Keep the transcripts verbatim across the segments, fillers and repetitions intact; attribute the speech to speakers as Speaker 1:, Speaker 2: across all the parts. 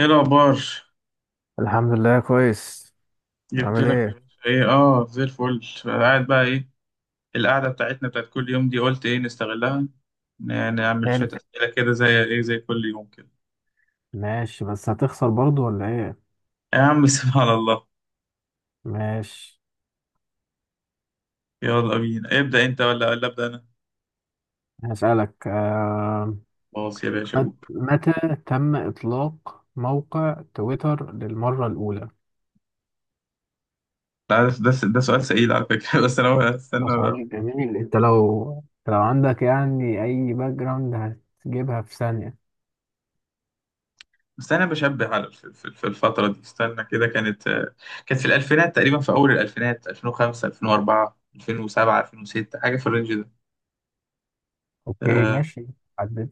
Speaker 1: ايه الاخبار؟
Speaker 2: الحمد لله كويس.
Speaker 1: جبت
Speaker 2: عامل
Speaker 1: لك يا
Speaker 2: ايه.
Speaker 1: باشا. ايه؟ اه، زي الفل. قاعد بقى ايه؟ القعده بتاعتنا بتاعت كل يوم دي، قلت ايه نستغلها، ن- نعمل
Speaker 2: حلو.
Speaker 1: شويه اسئله كده، زي ايه، زي كل يوم كده.
Speaker 2: ماشي، بس هتخسر برضو ولا ايه؟
Speaker 1: يا عم سبحان الله.
Speaker 2: ماشي.
Speaker 1: يلا بينا، ابدا انت ولا ولا ابدا انا.
Speaker 2: هسألك آه...
Speaker 1: خلاص يا باشا،
Speaker 2: مت...
Speaker 1: قول.
Speaker 2: متى تم إطلاق موقع تويتر للمرة الأولى؟
Speaker 1: ده ده ده سؤال سئيل على فكره بس انا
Speaker 2: ده
Speaker 1: استنى.
Speaker 2: سؤال جميل. انت لو لو عندك يعني أي باك جراوند، هتجيبها في ثانية.
Speaker 1: بس انا بشبه على في في- في الفتره دي، استنى كده، كانت كانت في الالفينات تقريبا، في اول الالفينات. ألفين وخمسة، ألفين وأربعة، ألفين وسبعة، ألفين وستة، حاجه في الرينج ده.
Speaker 2: اوكي
Speaker 1: آه،
Speaker 2: ماشي. عدد.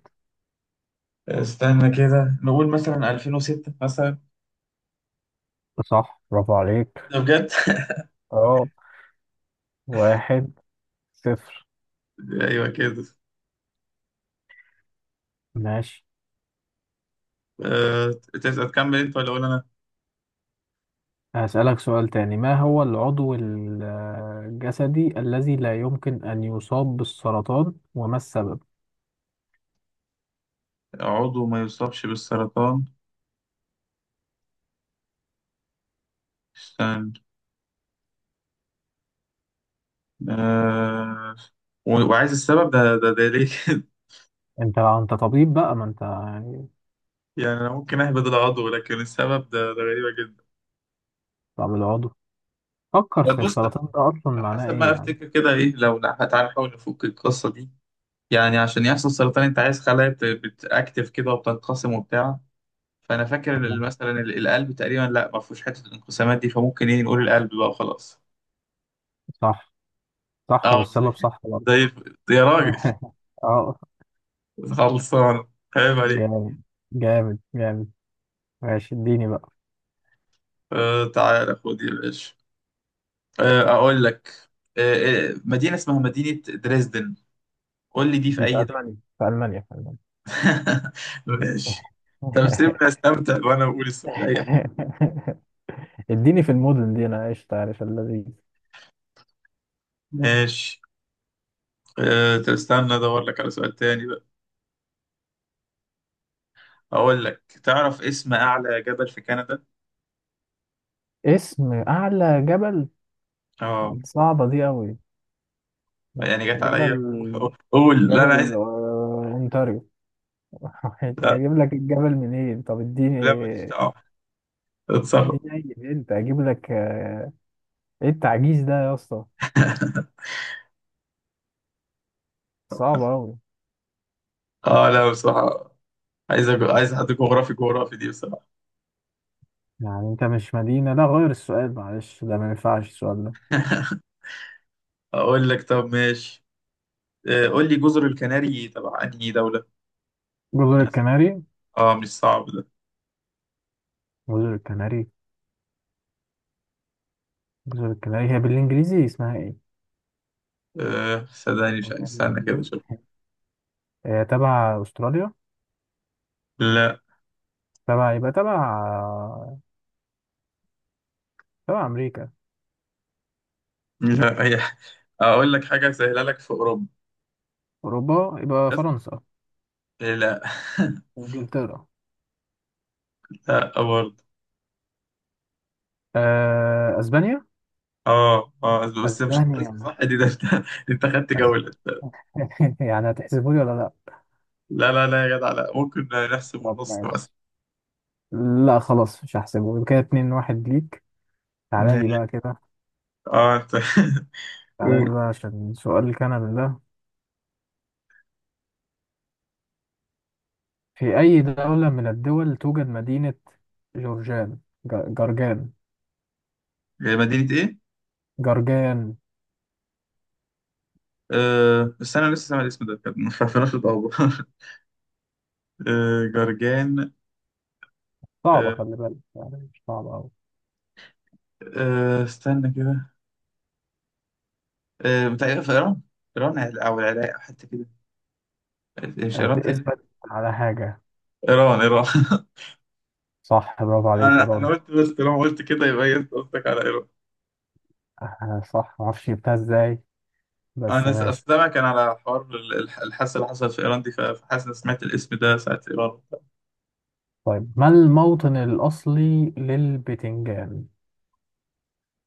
Speaker 1: استنى كده، نقول مثلا ألفين وستة مثلا.
Speaker 2: صح، برافو عليك.
Speaker 1: ده بجد
Speaker 2: اه. واحد صفر.
Speaker 1: ايوه كده.
Speaker 2: ماشي.
Speaker 1: أه... تس- تكمل انت ولا اقول انا؟
Speaker 2: هسألك سؤال تاني. ما هو العضو ال- الجسدي الذي لا يمكن أن يصاب بالسرطان وما السبب؟
Speaker 1: عضو ما يصابش بالسرطان؟ استنى. أه... و- وعايز السبب؟ ده ده, ده ليه كده
Speaker 2: أنت أنت طبيب بقى، ما أنت يعني.
Speaker 1: يعني انا ممكن اهبد العضو، لكن السبب ده ده غريبة جدا.
Speaker 2: طب العضو، فكر
Speaker 1: طب
Speaker 2: في
Speaker 1: بص،
Speaker 2: السرطان ده أصلا
Speaker 1: على
Speaker 2: معناه
Speaker 1: حسب
Speaker 2: إيه
Speaker 1: ما
Speaker 2: يعني.
Speaker 1: افتكر كده، ايه لو لا، تعالى نحاول نفك القصة دي. يعني عشان يحصل سرطان، انت عايز خلايا بت- بتاكتف كده وبتنقسم وبتاع. فانا فاكر ال-
Speaker 2: تمام.
Speaker 1: مثلا ال- القلب تقريبا لا، ما فيهوش حته الانقسامات دي، فممكن ايه، نقول القلب بقى وخلاص.
Speaker 2: صح. صح.
Speaker 1: اه، زي
Speaker 2: والسبب صح برضه.
Speaker 1: زي الف- يا راجل
Speaker 2: أه،
Speaker 1: خلصان. عيب عليك.
Speaker 2: جامد. جامد جامد. ماشي، اديني بقى.
Speaker 1: آه، تعالى خد يا باشا. آه، اقول لك. آه آه، مدينه اسمها مدينه دريسدن، قول لي دي في
Speaker 2: دي في
Speaker 1: اي دوله؟
Speaker 2: ألمانيا. في ألمانيا. في ألمانيا.
Speaker 1: ماشي. طب سيبني استمتع وانا بقول السؤال اي حاجه.
Speaker 2: اديني في المدن دي أنا عشت، عارف الذي.
Speaker 1: ماشي. آه، طب استنى ادور لك على سؤال تاني بقى. اقول لك، تعرف اسم اعلى جبل في كندا؟
Speaker 2: اسم أعلى جبل.
Speaker 1: اه.
Speaker 2: صعبة دي أوي.
Speaker 1: يعني جت عليا
Speaker 2: جبل.
Speaker 1: قول، لا انا
Speaker 2: جبل
Speaker 1: عايز.
Speaker 2: آه، أونتاريو. مش
Speaker 1: لا،
Speaker 2: هجيب لك الجبل منين، طب
Speaker 1: لا، ماليش
Speaker 2: اديني.
Speaker 1: دعوه، اتصرف.
Speaker 2: اديني أي أنت أجيب لك آه، إيه التعجيز ده يا اسطى؟ صعبة أوي.
Speaker 1: اه لا بصراحه، عايز أج- عايز حد جغرافي، جغرافي دي بصراحه.
Speaker 2: يعني انت مش مدينة، لا غير السؤال، معلش ده ما ينفعش السؤال ده.
Speaker 1: اقول لك، طب ماشي. آه، قول لي جزر الكناري تبع انهي دوله؟
Speaker 2: جزر الكناري.
Speaker 1: اه، مش صعب ده.
Speaker 2: جزر الكناري. جزر الكناري هي بالانجليزي اسمها ايه؟
Speaker 1: آه، صدقني مش عايز- استنى كده شوف.
Speaker 2: هي تبع استراليا؟
Speaker 1: لا،
Speaker 2: تبع يبقى تبع آه، تبع امريكا.
Speaker 1: لا هي. اقول لك حاجه سهله لك، في اوروبا.
Speaker 2: اوروبا يبقى
Speaker 1: بس.
Speaker 2: فرنسا.
Speaker 1: آه، لا.
Speaker 2: انجلترا.
Speaker 1: لا برضه.
Speaker 2: آه، اسبانيا.
Speaker 1: اه اه، بس مش.
Speaker 2: اسبانيا.
Speaker 1: صح، دي ده انت انت خدت
Speaker 2: أس...
Speaker 1: جوله.
Speaker 2: يعني هتحسبه لي ولا لا؟
Speaker 1: لا لا لا يا جدع، لا ممكن نحسب
Speaker 2: طب
Speaker 1: ونص مثلا.
Speaker 2: ماشي. لا، خلاص، مش هحسبه، يبقى كده اتنين واحد ليك. تعالى لي
Speaker 1: ماشي.
Speaker 2: بقى كده.
Speaker 1: اه انت
Speaker 2: تعالى
Speaker 1: قول.
Speaker 2: لي بقى عشان سؤال كندا ده. في أي دولة من الدول توجد مدينة جورجان؟ ج- جرجان.
Speaker 1: هي مدينة ايه؟
Speaker 2: جرجان.
Speaker 1: آه، بس انا لسه سامع الاسم ده، كان ما عرفناش الدور آه جرجان.
Speaker 2: صعبة،
Speaker 1: آه
Speaker 2: خلي بالك، يعني مش صعبة أوي.
Speaker 1: آه استنى كده. آه، بتاع في ايران. ايران او العراق، أو حتى كده. آه، مش ايران تاني.
Speaker 2: هتثبت على حاجة؟
Speaker 1: ايران، ايران
Speaker 2: صح، برافو عليك،
Speaker 1: انا انا
Speaker 2: إيران.
Speaker 1: قلت، بس طالما قلت كده يبقى هي، انت قصدك على ايران.
Speaker 2: آه، صح معرفش جبتها إزاي. بس
Speaker 1: انا س- أصل
Speaker 2: ماشي.
Speaker 1: سامع كان على حوار ال- الح- الحادثه اللي حصلت في ايران دي، فحاسس إن سمعت الاسم ده ساعه ايران.
Speaker 2: طيب، ما الموطن الأصلي للبتنجان؟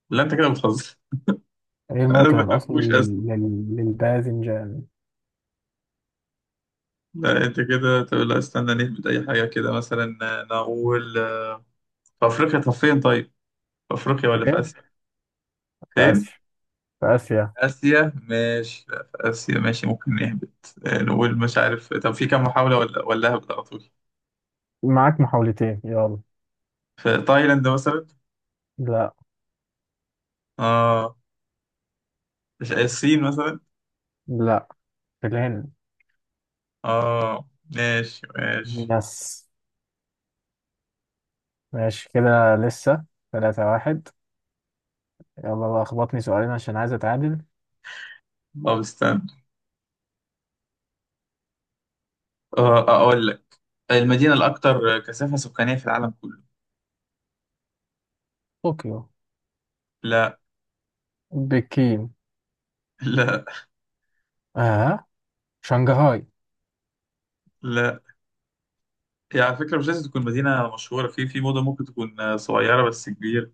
Speaker 1: لا انت كده بتهزر
Speaker 2: إيه
Speaker 1: انا
Speaker 2: الموطن
Speaker 1: ما
Speaker 2: الأصلي
Speaker 1: بحبوش.
Speaker 2: لل... لل... للباذنجان؟
Speaker 1: لا انت كده، طب لا، استنى نهبط اي حاجه كده مثلا. نقول في افريقيا. طب فين؟ طيب، في افريقيا ولا في
Speaker 2: إيه؟
Speaker 1: اسيا؟
Speaker 2: في
Speaker 1: فين؟
Speaker 2: آسيا. في آسيا.
Speaker 1: اسيا، ماشي، لا في اسيا ماشي، ممكن نهبط. آه، نقول مش عارف. طب في كام محاوله، ولا ولا هبط على طول؟
Speaker 2: معاك محاولتين، يلا.
Speaker 1: في تايلاند مثلا.
Speaker 2: لا.
Speaker 1: اه، مش. آه، الصين مثلا.
Speaker 2: لا، في الهند.
Speaker 1: اه، ماشي ماشي.
Speaker 2: يس. ماشي كده لسه. ثلاثة واحد. يلا بقى خبطني سؤالين عشان عايز أتعادل.
Speaker 1: طب استنى. آه، اقول لك، المدينه الاكثر كثافه سكانيه في العالم كله.
Speaker 2: طوكيو.
Speaker 1: لا
Speaker 2: بكين.
Speaker 1: لا
Speaker 2: آه، شنغهاي.
Speaker 1: لا. يعني على فكرة، مش لازم تكون مدينة مشهورة، في في موضة، ممكن تكون آه، صغيرة بس كبيرة.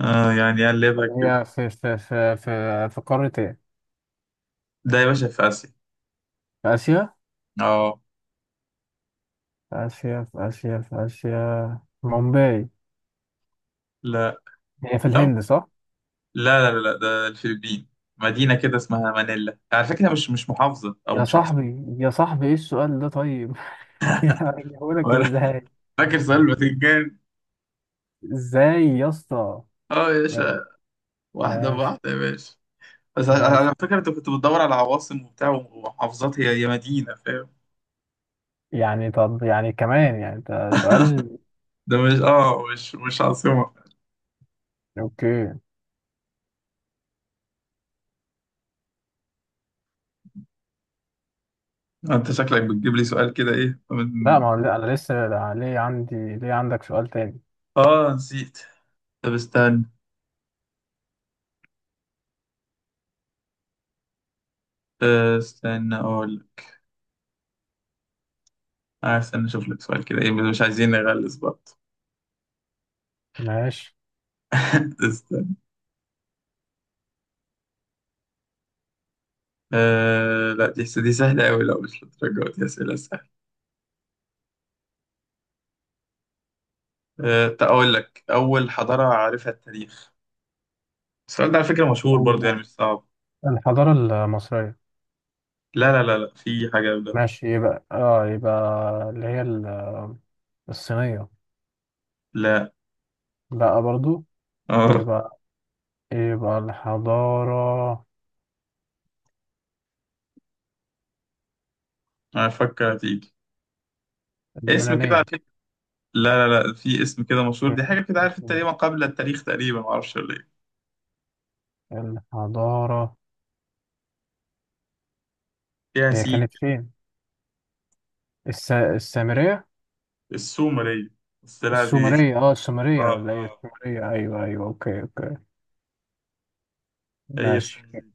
Speaker 1: آه يعني قلبها كده.
Speaker 2: هي في في في في في قارة إيه؟
Speaker 1: ده يا باشا في آسيا.
Speaker 2: في آسيا.
Speaker 1: اه.
Speaker 2: في آسيا. في آسيا. في آسيا مومباي.
Speaker 1: لا
Speaker 2: هي في
Speaker 1: لا
Speaker 2: الهند صح؟
Speaker 1: لا لا لا، ده الفلبين. مدينة كده اسمها مانيلا، على فكرة، مش مش محافظة أو
Speaker 2: يا
Speaker 1: مش عاصمة.
Speaker 2: صاحبي، يا صاحبي، ايه السؤال ده طيب؟ يعني هقولك
Speaker 1: ولا
Speaker 2: ازاي؟
Speaker 1: فاكر سؤال الفاتيكان.
Speaker 2: ازاي يا اسطى؟
Speaker 1: اه يا
Speaker 2: ماشي.
Speaker 1: باشا. واحدة
Speaker 2: ماشي.
Speaker 1: بواحدة يا باشا. بس على
Speaker 2: ماشي.
Speaker 1: على فكرة، أنت كنت بتدور على عواصم وبتاع ومحافظات، هي هي مدينة، فاهم.
Speaker 2: يعني طب يعني كمان يعني انت سؤال.
Speaker 1: ده مش، اه مش مش عاصمة
Speaker 2: اوكي.
Speaker 1: أنت شكلك بتجيب لي سؤال كده، إيه
Speaker 2: لا،
Speaker 1: من.
Speaker 2: ما هو، لا، انا لسه، لا، ليه عندي ليه عندك سؤال تاني.
Speaker 1: اه نسيت. طب استنى. أه، استنى اقول. آه، استنى اشوف لك سؤال كده، ايه مش عايزين نغلس برضه.
Speaker 2: ماشي.
Speaker 1: استنى. أه لا، دي دي سهلة أوي، لا مش للدرجة دي أسئلة سهلة. أه، تقول لك، أول حضارة عارفها التاريخ. السؤال ده على فكرة مشهور برضه يعني، مش صعب.
Speaker 2: الحضارة المصرية.
Speaker 1: لا لا لا لا، في حاجة ده.
Speaker 2: ماشي. يبقى اه يبقى اللي هي ال- الصينية.
Speaker 1: لا
Speaker 2: لا برضو.
Speaker 1: اه،
Speaker 2: يبقى يبقى الحضارة
Speaker 1: أنا أفكر هتيجي اسم كده، على
Speaker 2: اليونانية.
Speaker 1: فكرة. لا لا لا، في اسم كده مشهور،
Speaker 2: مش-
Speaker 1: دي حاجة كده عارف
Speaker 2: مش-
Speaker 1: أنت، ليه ما قبل التاريخ تقريبا، معرفش ولا إيه.
Speaker 2: الحضارة
Speaker 1: فيها
Speaker 2: هي
Speaker 1: سين.
Speaker 2: كانت فين؟ الس... السامرية؟
Speaker 1: السومرية. بس لا دي
Speaker 2: السومرية. اه، السومرية
Speaker 1: اه
Speaker 2: ولا ايه؟
Speaker 1: اه،
Speaker 2: السومرية. ايوه ايوه. اوكي. اوكي.
Speaker 1: هي
Speaker 2: ماشي
Speaker 1: السومرية.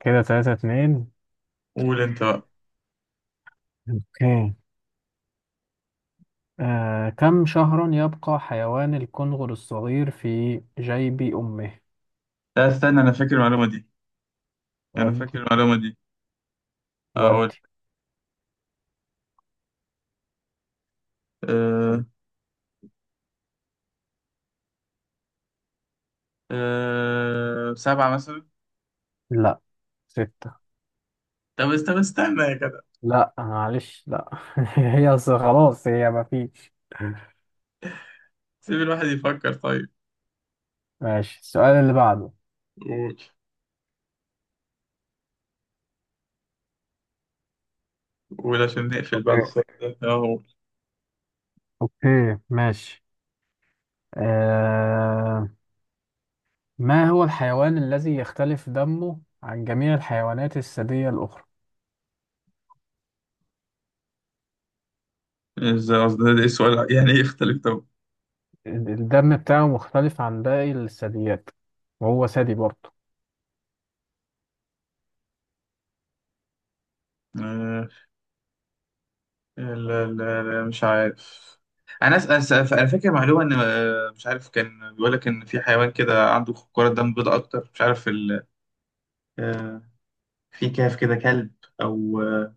Speaker 2: كده تلاتة اتنين.
Speaker 1: قول أنت بقى.
Speaker 2: اوكي. آه، كم شهرا يبقى حيوان الكنغر الصغير في جيب أمه؟
Speaker 1: لا استنى، انا فاكر المعلومه دي. انا فاكر
Speaker 2: ودي.
Speaker 1: المعلومه دي. اقول.
Speaker 2: ودي.
Speaker 1: أه. أه سبعة مثلا.
Speaker 2: لا. ستة.
Speaker 1: طب است- طب استنى يا جدع.
Speaker 2: لا، معلش، لا. هي أصل خلاص هي مفيش.
Speaker 1: سيب الواحد يفكر طيب.
Speaker 2: ماشي. السؤال اللي بعده.
Speaker 1: قول. قول عشان نقفل بعد
Speaker 2: اوكي.
Speaker 1: السؤال ده اهو.
Speaker 2: اوكي ماشي. آه، ما هو الحيوان الذي يختلف دمه عن جميع الحيوانات الثديية الأخرى؟
Speaker 1: ازاي؟ قصدي ده ده السؤال يعني ايه يختلف؟ طب.
Speaker 2: الدم بتاعه مختلف عن باقي الثدييات، وهو ثدي برضه.
Speaker 1: أه، لا لا لا مش عارف. انا أس... أس... انا فاكر معلومه ان آه، مش عارف، كان بيقول لك ان في حيوان كده عنده كرة دم بيضاء اكتر، مش عارف ال... أه، في كهف كده كلب. او آه،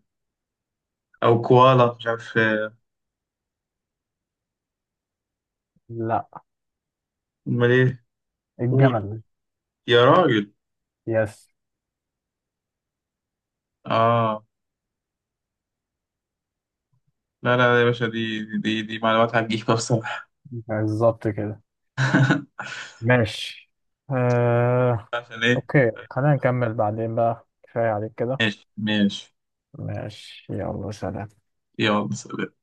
Speaker 1: او كوالا، مش عارف. آه،
Speaker 2: لا،
Speaker 1: امال ايه. قول.
Speaker 2: الجمل.
Speaker 1: يا راجل.
Speaker 2: يس.
Speaker 1: اه لا لا لا يا باشا، دي دي دي معلومات هتجيبها بصراحة.
Speaker 2: بالظبط كده. ماشي. آه...
Speaker 1: عشان ايه؟
Speaker 2: أوكي، خلينا نكمل بعدين بقى، كفاية عليك كده.
Speaker 1: ماشي ماشي.
Speaker 2: ماشي، يلا سلام.
Speaker 1: يلا سلام.